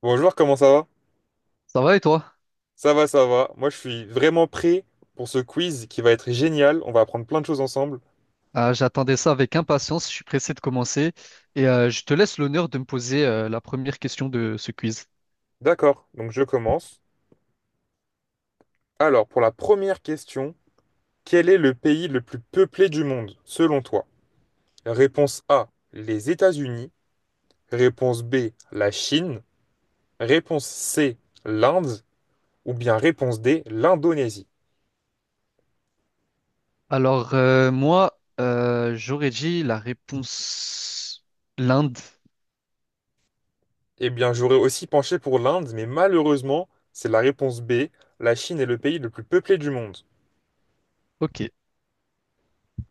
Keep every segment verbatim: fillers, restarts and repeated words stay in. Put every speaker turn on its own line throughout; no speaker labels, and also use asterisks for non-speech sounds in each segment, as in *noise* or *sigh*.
Bonjour, comment ça va?
Ça va et toi?
Ça va, ça va. Moi, je suis vraiment prêt pour ce quiz qui va être génial. On va apprendre plein de choses ensemble.
Euh, j'attendais ça avec impatience, je suis pressé de commencer et euh, je te laisse l'honneur de me poser euh, la première question de ce quiz.
D'accord, donc je commence. Alors, pour la première question, quel est le pays le plus peuplé du monde, selon toi? Réponse A, les États-Unis. Réponse B, la Chine. Réponse C, l'Inde. Ou bien réponse D, l'Indonésie.
Alors euh, moi, euh, j'aurais dit la réponse l'Inde.
Eh bien, j'aurais aussi penché pour l'Inde, mais malheureusement, c'est la réponse B. La Chine est le pays le plus peuplé du monde.
Ok,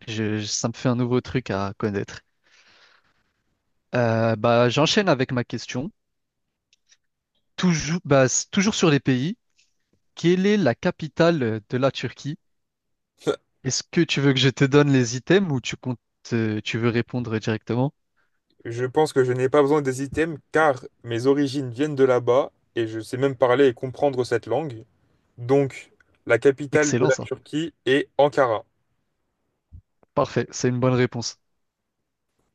je- je- ça me fait un nouveau truc à connaître. Euh, bah, j'enchaîne avec ma question. Toujours, bah, s- toujours sur les pays, quelle est la capitale de la Turquie?
*laughs*
Est-ce que tu veux que je te donne les items ou tu comptes, euh, tu veux répondre directement?
Je pense que je n'ai pas besoin des items car mes origines viennent de là-bas et je sais même parler et comprendre cette langue. Donc, la capitale de
Excellent
la
ça.
Turquie est Ankara.
Parfait, c'est une bonne réponse.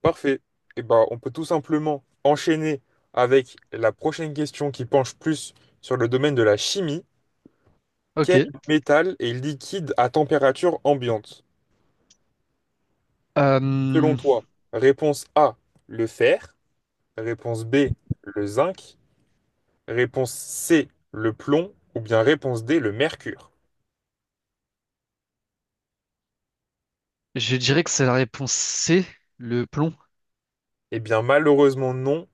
Parfait. Et ben, on peut tout simplement enchaîner avec la prochaine question qui penche plus sur le domaine de la chimie.
Ok.
Quel métal est liquide à température ambiante? Selon
Euh,
toi, réponse A, le fer, réponse B, le zinc, réponse C, le plomb ou bien réponse D, le mercure.
je dirais que c'est la réponse C, le plomb,
Eh bien, malheureusement non.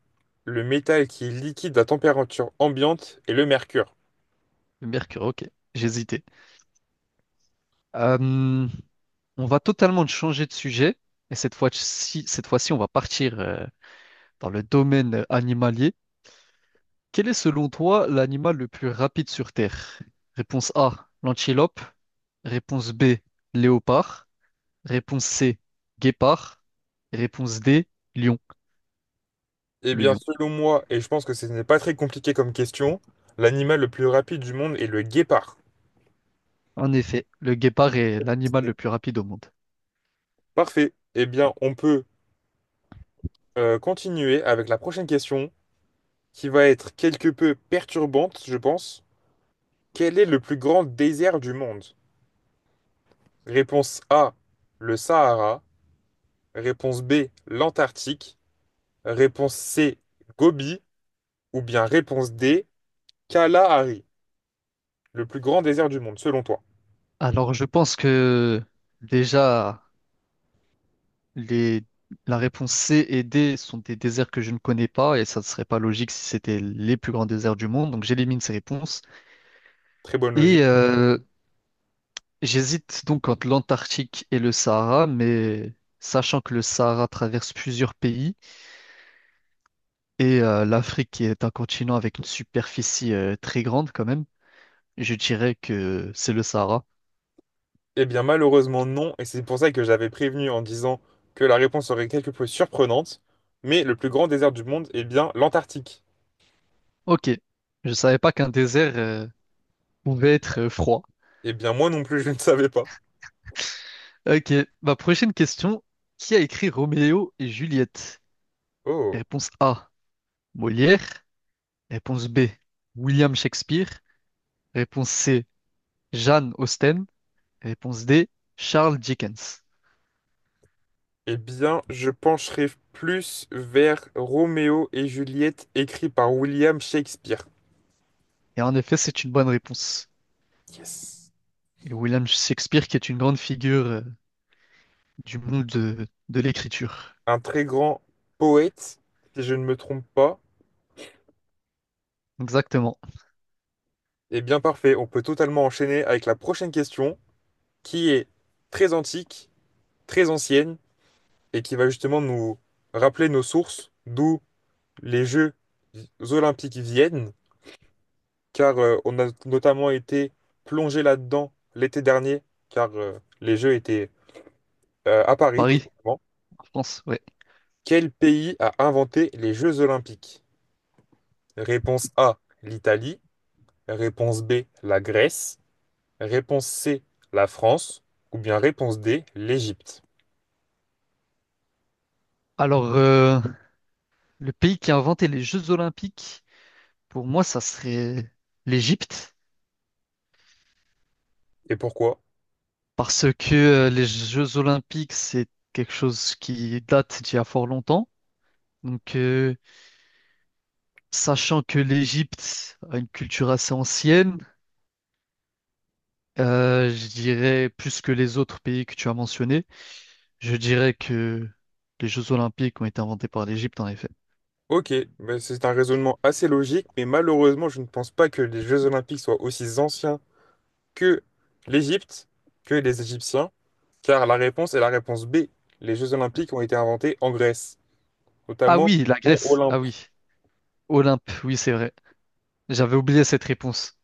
Le métal qui est liquide à température ambiante est le mercure.
le mercure. Ok, j'hésitais. Euh, on va totalement changer de sujet et cette fois-ci, cette fois-ci, on va partir euh, dans le domaine animalier. Quel est selon toi l'animal le plus rapide sur Terre? Réponse A, l'antilope. Réponse B, léopard. Réponse C, guépard. Réponse D, lion,
Eh
le
bien,
lion.
selon moi, et je pense que ce n'est pas très compliqué comme question, l'animal le plus rapide du monde est le guépard.
En effet, le guépard est l'animal
C'est
le plus rapide au monde.
parfait. Eh bien, on peut euh, continuer avec la prochaine question, qui va être quelque peu perturbante, je pense. Quel est le plus grand désert du monde? Réponse A, le Sahara. Réponse B, l'Antarctique. Réponse C, Gobi. Ou bien réponse D, Kalahari, le plus grand désert du monde, selon toi?
Alors, je pense que déjà, les... la réponse C et D sont des déserts que je ne connais pas et ça ne serait pas logique si c'était les plus grands déserts du monde. Donc, j'élimine ces réponses.
Très bonne logique.
Et euh, j'hésite donc entre l'Antarctique et le Sahara, mais sachant que le Sahara traverse plusieurs pays et euh, l'Afrique qui est un continent avec une superficie euh, très grande quand même, je dirais que c'est le Sahara.
Eh bien, malheureusement, non. Et c'est pour ça que j'avais prévenu en disant que la réponse serait quelque peu surprenante. Mais le plus grand désert du monde, est bien, l'Antarctique.
Ok, je savais pas qu'un désert euh, pouvait être euh, froid.
Eh bien, moi non plus, *laughs* je ne savais pas.
Ok, ma prochaine question. Qui a écrit Roméo et Juliette?
Oh.
Réponse A, Molière. Réponse B, William Shakespeare. Réponse C, Jane Austen. Réponse D, Charles Dickens.
Eh bien, je pencherai plus vers Roméo et Juliette, écrit par William Shakespeare.
Et en effet, c'est une bonne réponse.
Yes.
Et William Shakespeare qui est une grande figure euh, du monde de, de l'écriture.
Un très grand poète, si je ne me trompe pas.
Exactement.
Eh bien, parfait. On peut totalement enchaîner avec la prochaine question, qui est très antique, très ancienne, et qui va justement nous rappeler nos sources, d'où les Jeux olympiques viennent, car euh, on a notamment été plongé là-dedans l'été dernier, car euh, les Jeux étaient euh, à Paris, tout
Paris,
simplement.
en France, ouais.
Quel pays a inventé les Jeux olympiques? Réponse A, l'Italie. Réponse B, la Grèce. Réponse C, la France. Ou bien réponse D, l'Égypte.
Alors, euh, le pays qui a inventé les Jeux Olympiques, pour moi, ça serait l'Égypte.
Et pourquoi?
Parce que euh, les Jeux Olympiques, c'est quelque chose qui date d'il y a fort longtemps. Donc, euh, sachant que l'Égypte a une culture assez ancienne, euh, je dirais plus que les autres pays que tu as mentionnés, je dirais que les Jeux Olympiques ont été inventés par l'Égypte, en effet.
Ok, ben, c'est un raisonnement assez logique, mais malheureusement, je ne pense pas que les Jeux Olympiques soient aussi anciens que l'Égypte, que les Égyptiens, car la réponse est la réponse B. Les Jeux Olympiques ont été inventés en Grèce,
Ah
notamment
oui, la
au mont
Grèce. Ah
Olympe.
oui, Olympe. Oui, c'est vrai. J'avais oublié cette réponse.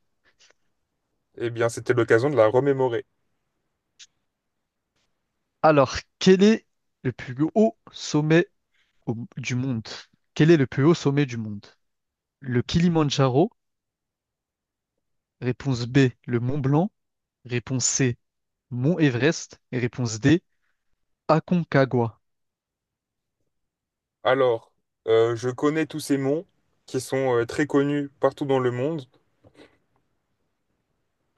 Eh bien, c'était l'occasion de la remémorer.
Alors, quel est le plus haut sommet au- du monde? Quel est le plus haut sommet du monde? Le Kilimandjaro. Réponse B, le Mont Blanc. Réponse C, Mont Everest. Et réponse D, Aconcagua.
Alors, euh, je connais tous ces monts qui sont euh, très connus partout dans le monde.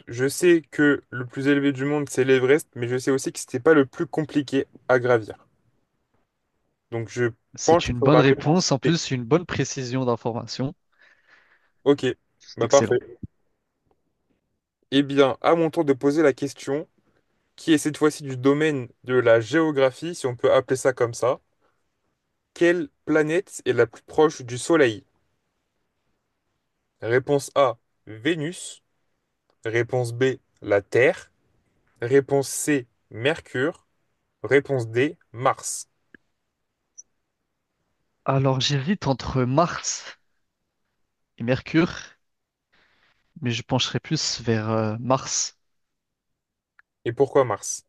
Je sais que le plus élevé du monde, c'est l'Everest, mais je sais aussi que c'était pas le plus compliqué à gravir. Donc, je penche
C'est une
sur
bonne
la réponse
réponse, en
B.
plus une bonne précision d'information.
Ok,
C'est
bah parfait.
excellent.
Eh bien, à mon tour de poser la question, qui est cette fois-ci du domaine de la géographie, si on peut appeler ça comme ça. Quelle planète est la plus proche du Soleil? Réponse A, Vénus. Réponse B, la Terre. Réponse C, Mercure. Réponse D, Mars.
Alors j'hésite entre Mars et Mercure, mais je pencherai plus vers euh, Mars.
Et pourquoi Mars?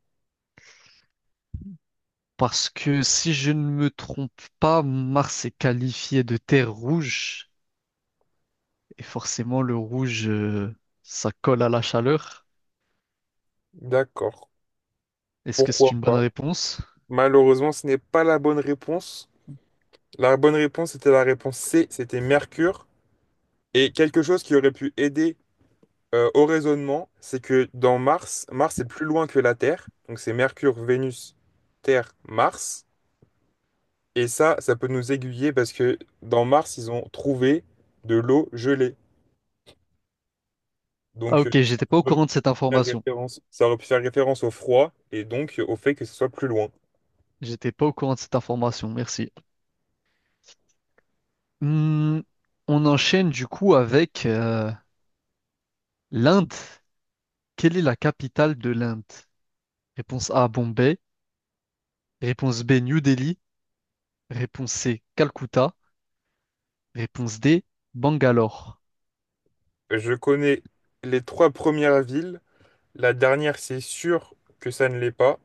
Parce que si je ne me trompe pas, Mars est qualifié de terre rouge. Et forcément, le rouge, euh, ça colle à la chaleur.
D'accord,
Est-ce que
pourquoi
c'est une bonne
pas?
réponse?
Malheureusement, ce n'est pas la bonne réponse. La bonne réponse était la réponse C, c'était Mercure. Et quelque chose qui aurait pu aider euh, au raisonnement, c'est que dans Mars, Mars est plus loin que la Terre. Donc c'est Mercure, Vénus, Terre, Mars. Et ça, ça peut nous aiguiller parce que dans Mars, ils ont trouvé de l'eau gelée.
Ah
Donc euh,
ok,
ça
j'étais pas au
aurait pu
courant de cette
faire
information.
référence, ça aurait pu faire référence au froid et donc euh, au fait que ce soit plus loin.
J'étais pas au courant de cette information, merci. Hmm, on enchaîne du coup avec euh, l'Inde. Quelle est la capitale de l'Inde? Réponse A, Bombay. Réponse B, New Delhi. Réponse C, Calcutta. Réponse D, Bangalore.
Je connais les trois premières villes. La dernière, c'est sûr que ça ne l'est pas.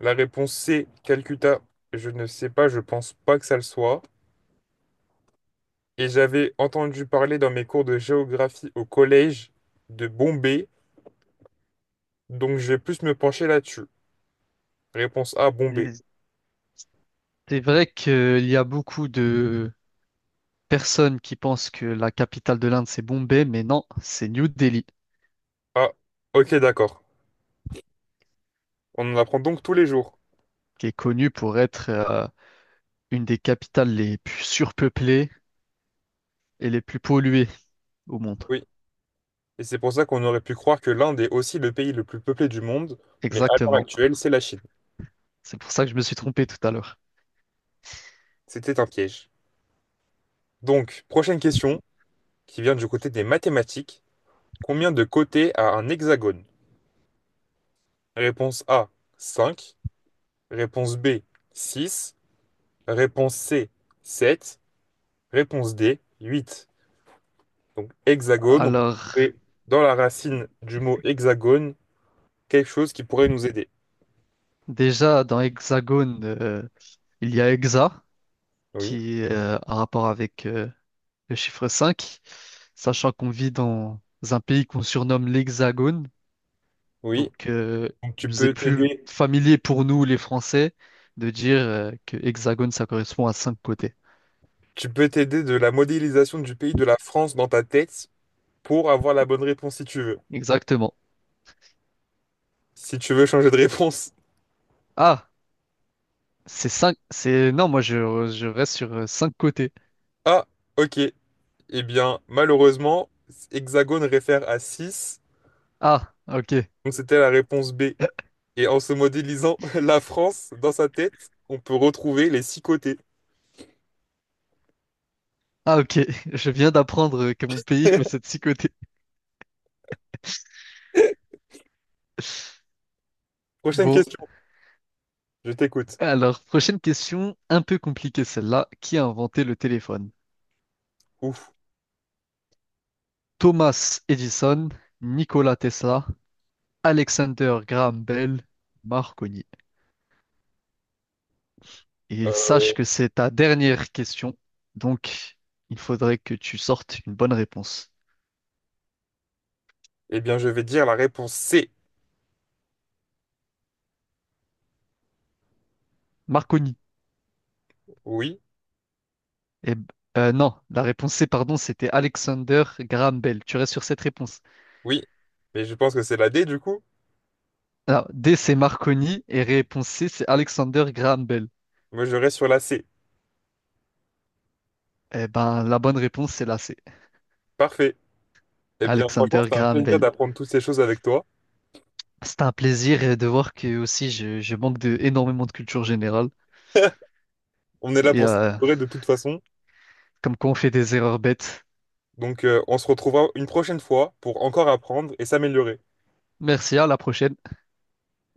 La réponse C, Calcutta, je ne sais pas, je pense pas que ça le soit. Et j'avais entendu parler dans mes cours de géographie au collège de Bombay, donc je vais plus me pencher là-dessus. Réponse A, Bombay.
Et c'est vrai qu'il y a beaucoup de personnes qui pensent que la capitale de l'Inde, c'est Bombay, mais non, c'est New Delhi,
Ah, ok, d'accord. On en apprend donc tous les jours.
qui est connue pour être euh, une des capitales les plus surpeuplées et les plus polluées au monde.
Oui, et c'est pour ça qu'on aurait pu croire que l'Inde est aussi le pays le plus peuplé du monde, mais à l'heure
Exactement.
actuelle, c'est la Chine.
C'est pour ça que je me suis trompé tout à l'heure.
C'était un piège. Donc, prochaine question, qui vient du côté des mathématiques. Combien de côtés a un hexagone? Réponse A, cinq. Réponse B, six. Réponse C, sept. Réponse D, huit. Donc hexagone, on peut
Alors,
trouver dans la racine du mot hexagone quelque chose qui pourrait nous aider.
déjà, dans Hexagone, euh, il y a Hexa,
Oui,
qui est euh, en rapport avec euh, le chiffre cinq, sachant qu'on vit dans un pays qu'on surnomme l'Hexagone.
oui.
Donc, euh,
Donc
il
tu
nous est
peux
plus
t'aider,
familier pour nous, les Français, de dire euh, que Hexagone, ça correspond à cinq côtés.
tu peux t'aider de la modélisation du pays de la France dans ta tête pour avoir la bonne réponse si tu veux.
Exactement.
Si tu veux changer de réponse.
Ah, c'est cinq, c'est... Non, moi, je, je reste sur euh, cinq côtés.
Ah, ok. Eh bien, malheureusement, hexagone réfère à six.
Ah, ok.
Donc c'était la réponse B. Et en se modélisant *laughs* la France dans sa tête, on peut retrouver les six côtés.
Ah, ok. *laughs* Je viens d'apprendre que mon pays possède
*laughs*
six côtés.
Prochaine
Bon,
question, je t'écoute.
alors, prochaine question, un peu compliquée celle-là. Qui a inventé le téléphone?
Ouf.
Thomas Edison, Nikola Tesla, Alexander Graham Bell, Marconi. Et
Euh,
sache que c'est ta dernière question, donc il faudrait que tu sortes une bonne réponse.
eh bien, je vais dire la réponse C.
Marconi.
Oui,
Et, euh, non, la réponse C, pardon, c'était Alexander Graham Bell. Tu restes sur cette réponse.
oui. Mais je pense que c'est la D du coup.
Alors, D, c'est Marconi et réponse C, c'est Alexander Graham Bell.
Moi, je reste sur la C.
Eh ben, la bonne réponse, c'est la C.
Parfait. Eh bien, franchement,
Alexander
c'était un
Graham
plaisir
Bell.
d'apprendre toutes ces choses avec toi.
C'est un plaisir euh, de voir que aussi je, je manque de énormément de culture générale
*laughs* On est là
et
pour
euh,
s'améliorer de toute façon.
comme quoi on fait des erreurs bêtes.
Donc, euh, on se retrouvera une prochaine fois pour encore apprendre et s'améliorer.
Merci, à la prochaine.